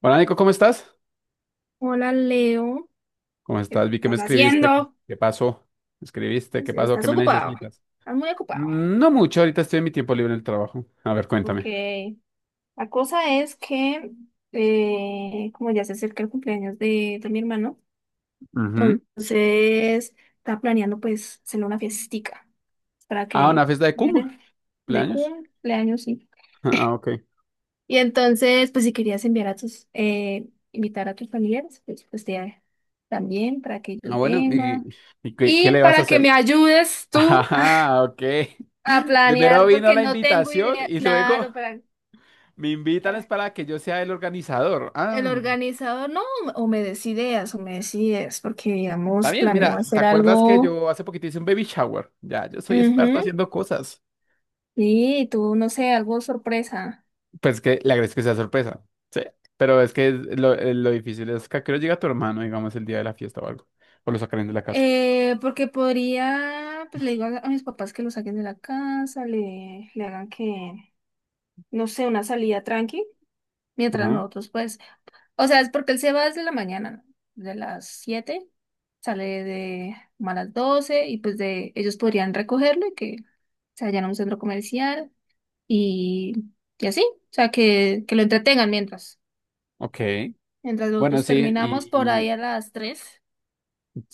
Hola Nico, ¿cómo estás? Hola Leo, ¿Cómo ¿qué estás? Vi que me estás escribiste. haciendo? ¿Qué pasó? ¿Me escribiste? ¿Qué pasó? ¿Qué Estás me ocupado, necesitas? estás muy ocupado. No mucho, ahorita estoy en mi tiempo libre en el trabajo. A ver, Ok, cuéntame. la cosa es que, como ya se acerca el cumpleaños de mi hermano, Ujú. entonces está planeando pues hacerle una fiestica para Ah, una que fiesta de Kuma, viene de cumpleaños. cumpleaños, sí. Ah, ok. Y entonces, pues si querías enviar a tus, invitar a tus familiares, pues, también para que Ah, ellos bueno, ¿y, vengan. y qué Y le vas a para que me hacer? ayudes tú Ah, ok. a Primero planear vino porque la no tengo invitación idea, y luego claro, me invitan es para- para que yo sea el organizador. el Ah, organizador, no, o me des ideas, o me des ideas, porque está digamos, bien, planeo mira, ¿te hacer acuerdas que algo, yo hace poquito hice un baby shower? Ya, yo soy experto ujú, haciendo cosas. sí tú, no sé, algo sorpresa. Pues que le agradezco que sea sorpresa. Sí. Pero es que lo difícil es que a qué hora llega tu hermano, digamos, el día de la fiesta o algo. O lo sacarán de la casa. Porque podría, pues le digo a mis papás que lo saquen de la casa, le hagan que, no sé, una salida tranqui, mientras Ajá. nosotros, pues, o sea, es porque él se va desde la mañana, ¿no? De las 7, sale de como a las 12 y pues de ellos podrían recogerlo y que se vayan a un centro comercial y, y así, o sea, que lo entretengan mientras, Ok. mientras Bueno, nosotros sí, terminamos por ahí y a las 3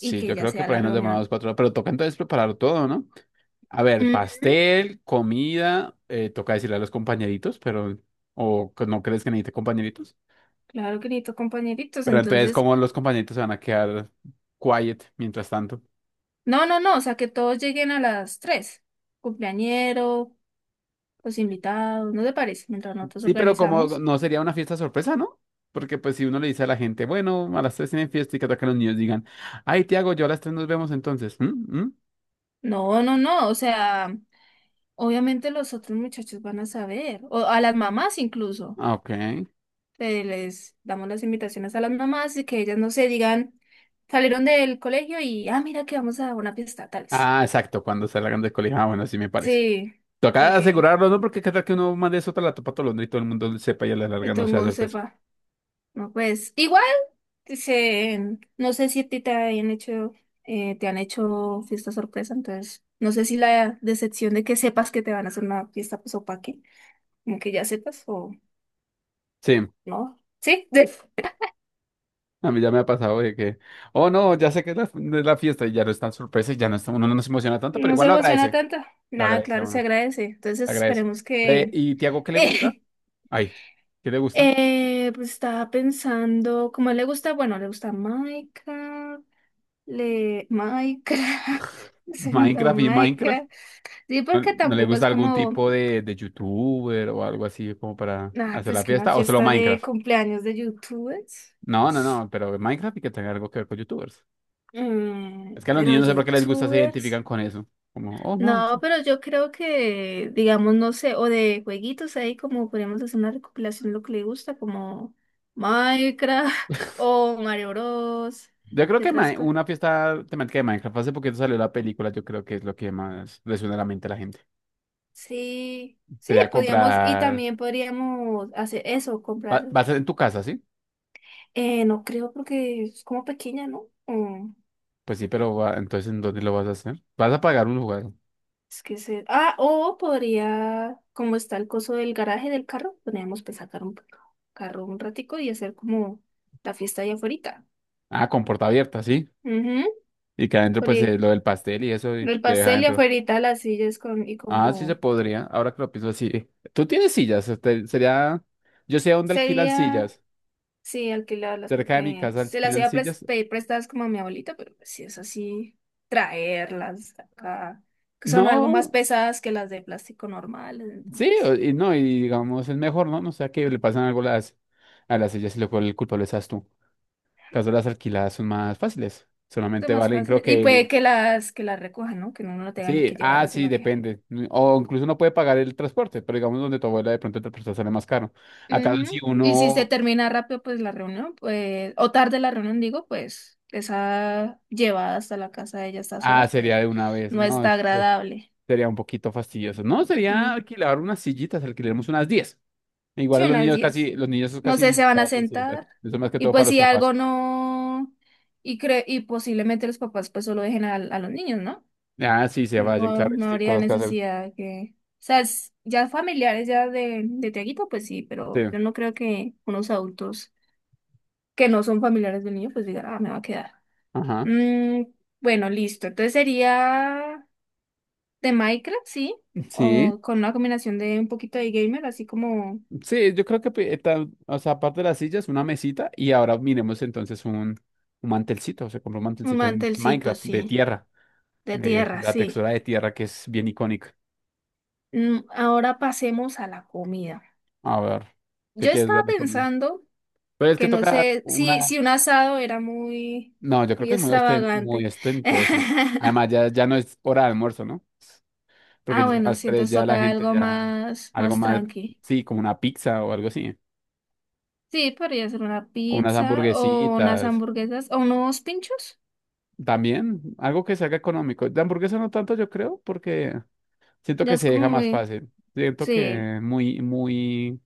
y que yo ya creo que sea por la ahí nos demoramos reunión. 4 horas, pero toca entonces preparar todo, ¿no? A ver, Ujú. pastel, comida, toca decirle a los compañeritos, pero, o que no crees que necesite compañeritos. Claro, querido compañeritos, Pero entonces, entonces, ¿cómo los compañeritos se van a quedar quiet mientras tanto? no, no, no, o sea, que todos lleguen a las 3 cumpleañero, los invitados, ¿no te parece? Mientras nosotros Sí, pero como organizamos. no sería una fiesta sorpresa, ¿no? Porque pues si uno le dice a la gente, bueno, a las tres tienen fiesta y que atacan los niños digan, ay, Tiago, yo a las tres nos vemos entonces. ¿Mm? ¿Mm? No, no, no, o sea... Obviamente los otros muchachos van a saber, o a las mamás incluso. Ah, ok. Les damos las invitaciones a las mamás y que ellas no se digan, salieron del colegio y, ah, mira que vamos a una fiesta, tales. Ah, exacto, cuando salgan del colegio. Ah, bueno, así me parece. Sí, para Toca que asegurarlo, ¿no? Porque cada que uno mande eso a la topa tolondra y todo el mundo sepa y a la el larga no sea tongo sorpresa. sepa. No, pues, igual, dicen, no sé si a ti te han hecho fiesta sorpresa, entonces, no sé si la decepción de que sepas que te van a hacer una fiesta, pues, o pa' qué, como que ya sepas o Sí, no. ¿Sí? a mí ya me ha pasado de que, oh no, ya sé que es la, no es la fiesta y ya no es tan sorpresa y ya no está, uno no se emociona tanto, pero No igual se lo emociona agradece. tanto. Lo Nada, agradece a claro, uno, se lo agradece. Entonces agradece. esperemos que... ¿Y Tiago qué le gusta? Ay, ¿qué le gusta? Pues estaba pensando, como le gusta, bueno, le gusta Minecraft, le... Minecraft, segunda Minecraft y Minecraft. Minecraft. Sí, ¿No, porque no le tampoco es gusta algún como, tipo de youtuber o algo así como para ah, hacer pues la que una fiesta? ¿O solo fiesta de Minecraft? cumpleaños de youtubers. No, no, no, pero Minecraft y que tenga algo que ver con youtubers. Mm, Es que a los pero niños no sé por qué les gusta, se youtubers. identifican con eso. Como, oh no. No, Sí. pero yo creo que, digamos, no sé, o de jueguitos ahí, como podríamos hacer una recopilación de lo que le gusta, como Minecraft o Mario Bros. Yo creo ¿Qué que otras cosas? una fiesta temática de Minecraft, hace poquito salió la película, yo creo que es lo que más le suena a la mente a la gente. Sí, sí, Sería podríamos, y comprar. también podríamos hacer eso, Va, comprar. va a ser en tu casa, ¿sí? No creo porque es como pequeña, ¿no? Mm, Pues sí, pero entonces ¿en dónde lo vas a hacer? Vas a pagar un lugar. es que se. Ah, o podría, como está el coso del garaje del carro, podríamos pues, sacar un carro un ratico y hacer como la fiesta allá afuera. Ah, con puerta abierta, sí. Y que adentro, pues Ori- lo del pastel y eso y El te deja pastel y adentro. afuerita las sillas con, y Ah, sí se como podría. Ahora que lo pienso así. Tú tienes sillas. Este, sería. Yo sé dónde alquilan sería, sillas. sí, alquilarlas Cerca de mi porque casa se las alquilan iba a sillas. pedir prestadas como a mi abuelita, pero pues si es así, traerlas acá, que son algo más No. pesadas que las de plástico normales, Sí, entonces y no, y digamos, es mejor, ¿no? No sea que le pasan algo a las, sillas y luego el culpable seas tú. Caso las alquiladas son más fáciles. son Solamente más valen, creo fáciles. Y que puede el. Que las recojan, ¿no? Que no uno no tenga ni Sí, que ah, llevarlas, sí, sino que depende. O incluso uno puede pagar el transporte, pero digamos donde tu abuela de pronto el transporte sale más caro. Acaso si ujú. Y si se uno. termina rápido, pues la reunión, pues, o tarde la reunión, digo, pues esa llevada hasta la casa de ella a estas Ah, horas, sería pues de una vez. no No, está agradable. sería un poquito fastidioso. No, sería Mm. alquilar unas sillitas, alquilaremos unas 10. Igual Sí, a los unas niños 10. casi, los niños No casi sé, ni se van a siquiera se sientan. sentar Eso más que y todo para pues los si algo papás. no, y, cre y posiblemente los papás pues solo dejen a los niños, ¿no? Ah, sí, se vayan, No, claro, no sí, habría cosas que hacer. necesidad que... O sea, ya familiares ya de Tiaguito, pues sí, Sí. pero yo no creo que unos adultos que no son familiares del niño, pues digan, ah, me va a quedar. Ajá. Mm, bueno, listo. Entonces sería de Minecraft, sí. Sí, O con una combinación de un poquito de gamer, así como sí, yo creo que, o sea, aparte de las sillas, una mesita y ahora miremos entonces un mantelcito. Se compró un un mantelcito en mantelcito, Minecraft de sí. tierra, De de, tierra, de la sí. textura de tierra que es bien icónica. Mm, ahora pasemos a la comida. A ver, ¿qué Yo quieres estaba darle conmigo? pensando Pero es que que no tocar sé si, una. si un asado era muy, No, yo creo que muy es muy extravagante. ostentoso. Además, ya no es hora de almuerzo, ¿no? Porque Ah, ya a bueno, las sí, tres entonces ya la toca gente algo ya más, algo más más, tranqui. sí, como una pizza o algo así, Sí, podría ser una o unas pizza o unas hamburguesitas. hamburguesas o unos pinchos. También algo que se haga económico. De hamburguesa no tanto, yo creo, porque siento Ya que es se como deja más muy. fácil. Siento Sí, que muy, muy,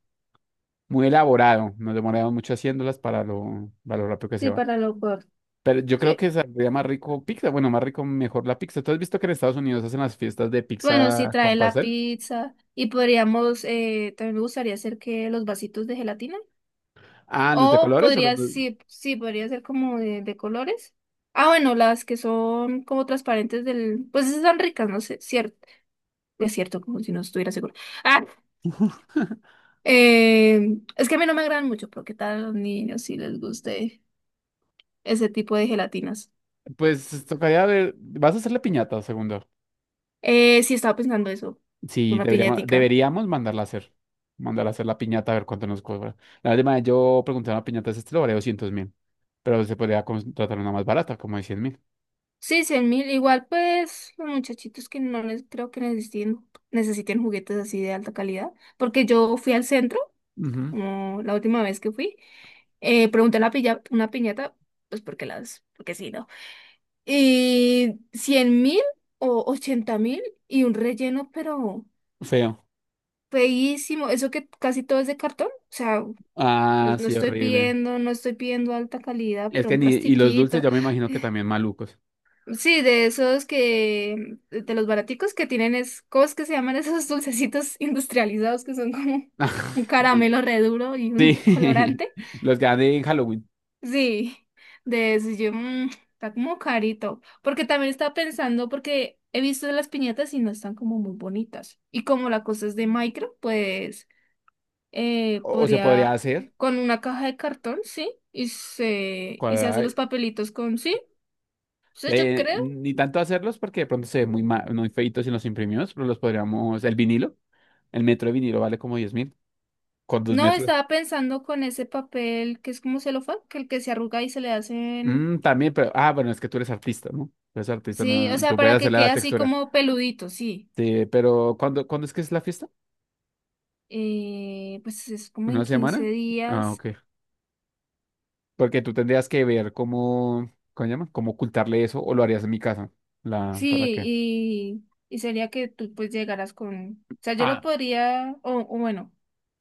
muy elaborado. Nos demoramos mucho haciéndolas para lo rápido que se sí, va. para lo corto. Pero yo creo Sí, que saldría más rico pizza. Bueno, más rico, mejor la pizza. ¿Tú has visto que en Estados Unidos hacen las fiestas de bueno, sí pizza con trae la pastel? pizza y podríamos, también me gustaría hacer que los vasitos de gelatina. Ah, ¿los de O colores o los podría, de- sí, sí, podría ser como de colores. Ah, bueno, las que son como transparentes del, pues esas son ricas, no sé, cierto, es cierto, como si no estuviera seguro. Ah, es que a mí no me agradan mucho, pero qué tal a los niños si les guste ese tipo de gelatinas. Pues tocaría ver. ¿Vas a hacer la piñata, segundo? Sí, estaba pensando eso, Sí, una deberíamos, piñatica. deberíamos mandarla a hacer. Mandarla a hacer la piñata a ver cuánto nos cobra. La última vez yo pregunté a una piñata de este lo valía 200.000. Pero se podría contratar una más barata, como de 100.000. Sí, 100.000. Igual, pues, los muchachitos que no les creo que necesiten, necesiten juguetes así de alta calidad. Porque yo fui al centro, Ujú. como la última vez que fui, pregunté a la una piñata, pues porque las, porque sí, ¿no? Y 100.000 o 80.000 y un relleno, pero Feo. feísimo. Eso que casi todo es de cartón. O sea, no, Ah, no sí, estoy horrible. pidiendo, no estoy pidiendo alta calidad, Es pero que un ni. Y los dulces plastiquito. yo me imagino que también malucos. Sí, de esos que, de los baraticos que tienen es, ¿cómo es que se llaman esos dulcecitos industrializados que son como un caramelo re duro y un Sí, colorante? los que dan en Halloween. Sí, de esos yo, mm, está como carito, porque también estaba pensando, porque he visto las piñatas y no están como muy bonitas, y como la cosa es de micro, pues O se podría podría, hacer, con una caja de cartón, sí, y se hace cuadrar, los papelitos con, sí, entonces yo creo ni tanto hacerlos porque de pronto se ven muy feitos si los imprimimos, pero los podríamos, el vinilo, el metro de vinilo vale como 10.000, con dos no, metros. estaba pensando con ese papel que es como celofán, que el que se arruga y se le hacen. También, pero, ah, bueno, es que tú eres artista, ¿no? Tú eres artista, Sí, o no, sea, tú para puedes que hacerle a quede la así textura. como peludito, sí. Sí, pero ¿cuándo es que es la fiesta? Pues es como en ¿Una 15 semana? Ah, días. ok. Porque tú tendrías que ver cómo, ¿cómo se llama? Cómo ocultarle eso o lo harías en mi casa. La, ¿para Sí, qué? Y sería que tú pues llegaras con. O sea, yo lo podría. O bueno,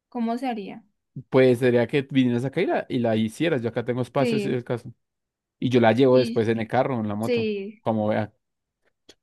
¿cómo se haría? Pues sería que vinieras acá y la, hicieras. Yo acá tengo espacio, si es Sí, el caso. Y yo la llevo y después en el carro, o en la moto, sí, como vea.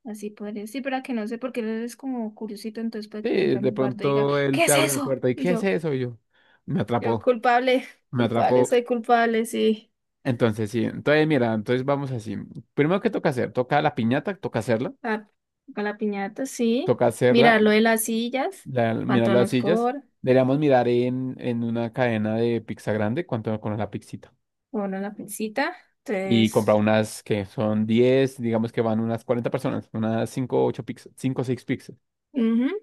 así podría. Sí, pero que no sé, porque él es como curiosito, entonces puede que Sí, entre a de mi cuarto y diga, pronto él ¿qué te es abre la eso? puerta y Y ¿qué es yo, eso? Y yo, me yo atrapó, culpable, me culpable, atrapó. soy culpable, sí. Entonces, sí, entonces mira, entonces vamos así. Primero, ¿qué toca hacer? Toca la piñata, toca hacerla, Ah, con la piñata, sí. toca hacerla, Mirar lo de las sillas, mirar cuánto las nos sillas. cobra, Deberíamos mirar en una cadena de pizza grande cuánto con la pizzita. bueno, la pincita. Y comprar Entonces, unas que son 10 digamos que van unas 40 personas, unas 5 8 pizzas, 5 o seis pizzas. ujú.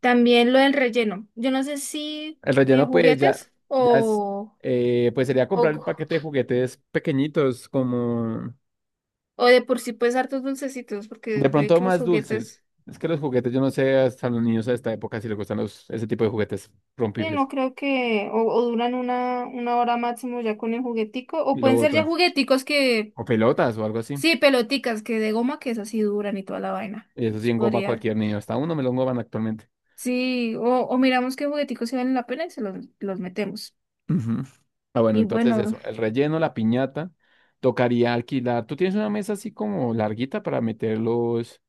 También lo del relleno. Yo no sé si El relleno, pues ya, juguetes ya es, pues sería comprar el o, paquete de juguetes pequeñitos, como o de por sí pues hartos dulcecitos, porque de puede pronto que los más dulces. juguetes, Es que los juguetes, yo no sé hasta los niños a esta época si les gustan ese tipo de juguetes sí, rompibles no creo que, o duran una hora máximo ya con el juguetico, y o lo pueden ser ya botan. jugueticos que, O pelotas o algo así. sí, peloticas, que de goma que esas sí duran y toda la vaina. Y eso sí engoma a Podría. cualquier niño. Hasta uno me lo engoman actualmente. Sí, o miramos qué jugueticos se valen la pena y se los metemos. Ujú. Ah, bueno, Y entonces bueno, eso. El relleno, la piñata, tocaría alquilar. ¿Tú tienes una mesa así como larguita para meterlos,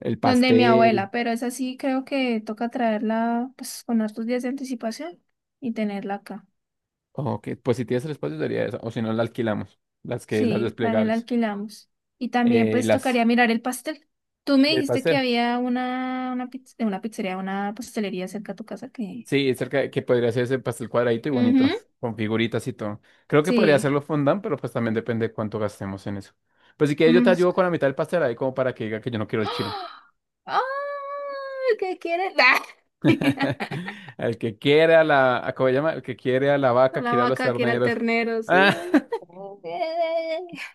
el donde mi pastel? abuela, pero es así, creo que toca traerla pues con hartos días de anticipación y tenerla acá. Ok, pues si tienes el espacio sería esa, o si no la alquilamos, las Sí, también la desplegables. alquilamos. Y también Eh, y pues las, tocaría mirar el pastel. Tú me y el dijiste que pastel. había una, una pizzería, una pastelería cerca a tu casa que... Sí, cerca que podría ser ese pastel cuadradito y bonito, Ujú, con figuritas y todo. Creo que podría sí. hacerlo fondant, pero pues también depende de cuánto gastemos en eso. Pues si quieres yo te Mm, ayudo con la mitad del pastel ahí como para que diga que yo no quiero el chino. ¡ah! ¡Ay! ¿Qué quieres? El que quiere a la, ¿a ¿cómo se llama? El que quiere a la vaca, A la quiere a los vaca que era el terneros. ternero. Ah,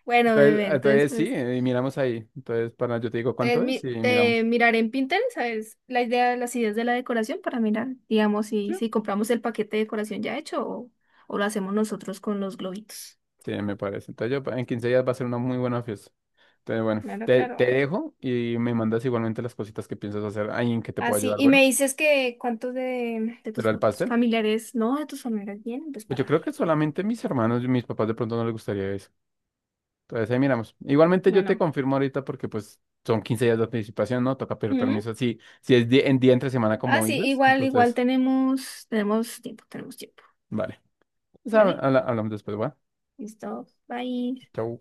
Bueno, entonces, bebé, entonces entonces sí, pues y miramos ahí. Entonces, para yo te digo te, cuánto es y te miramos. miraré en Pinterest, ¿sabes? La idea de las ideas de la decoración para mirar, digamos, ¿Sí? si, si compramos el paquete de decoración ya hecho o lo hacemos nosotros con los globitos. Sí, me parece. Entonces yo en 15 días va a ser una muy buena fiesta. Entonces, bueno, Claro, te claro. dejo y me mandas igualmente las cositas que piensas hacer ahí en que te pueda Así, ayudar. y Bueno, me dices que cuántos de ¿de lo tus del pastel? familiares, no, de tus familiares vienen, pues Pues yo creo para... que que- solamente mis hermanos y mis papás de pronto no les gustaría eso. Entonces ahí miramos. Igualmente yo te Bueno. confirmo ahorita porque pues son 15 días de anticipación, ¿no? Toca pedir Ujú. permiso. Si es en día entre semana Ah, como sí, dices, igual, igual entonces, tenemos, tenemos tiempo, vale. Pues, ¿vale? Hablamos después, ¿va? Listo, bye. Chau.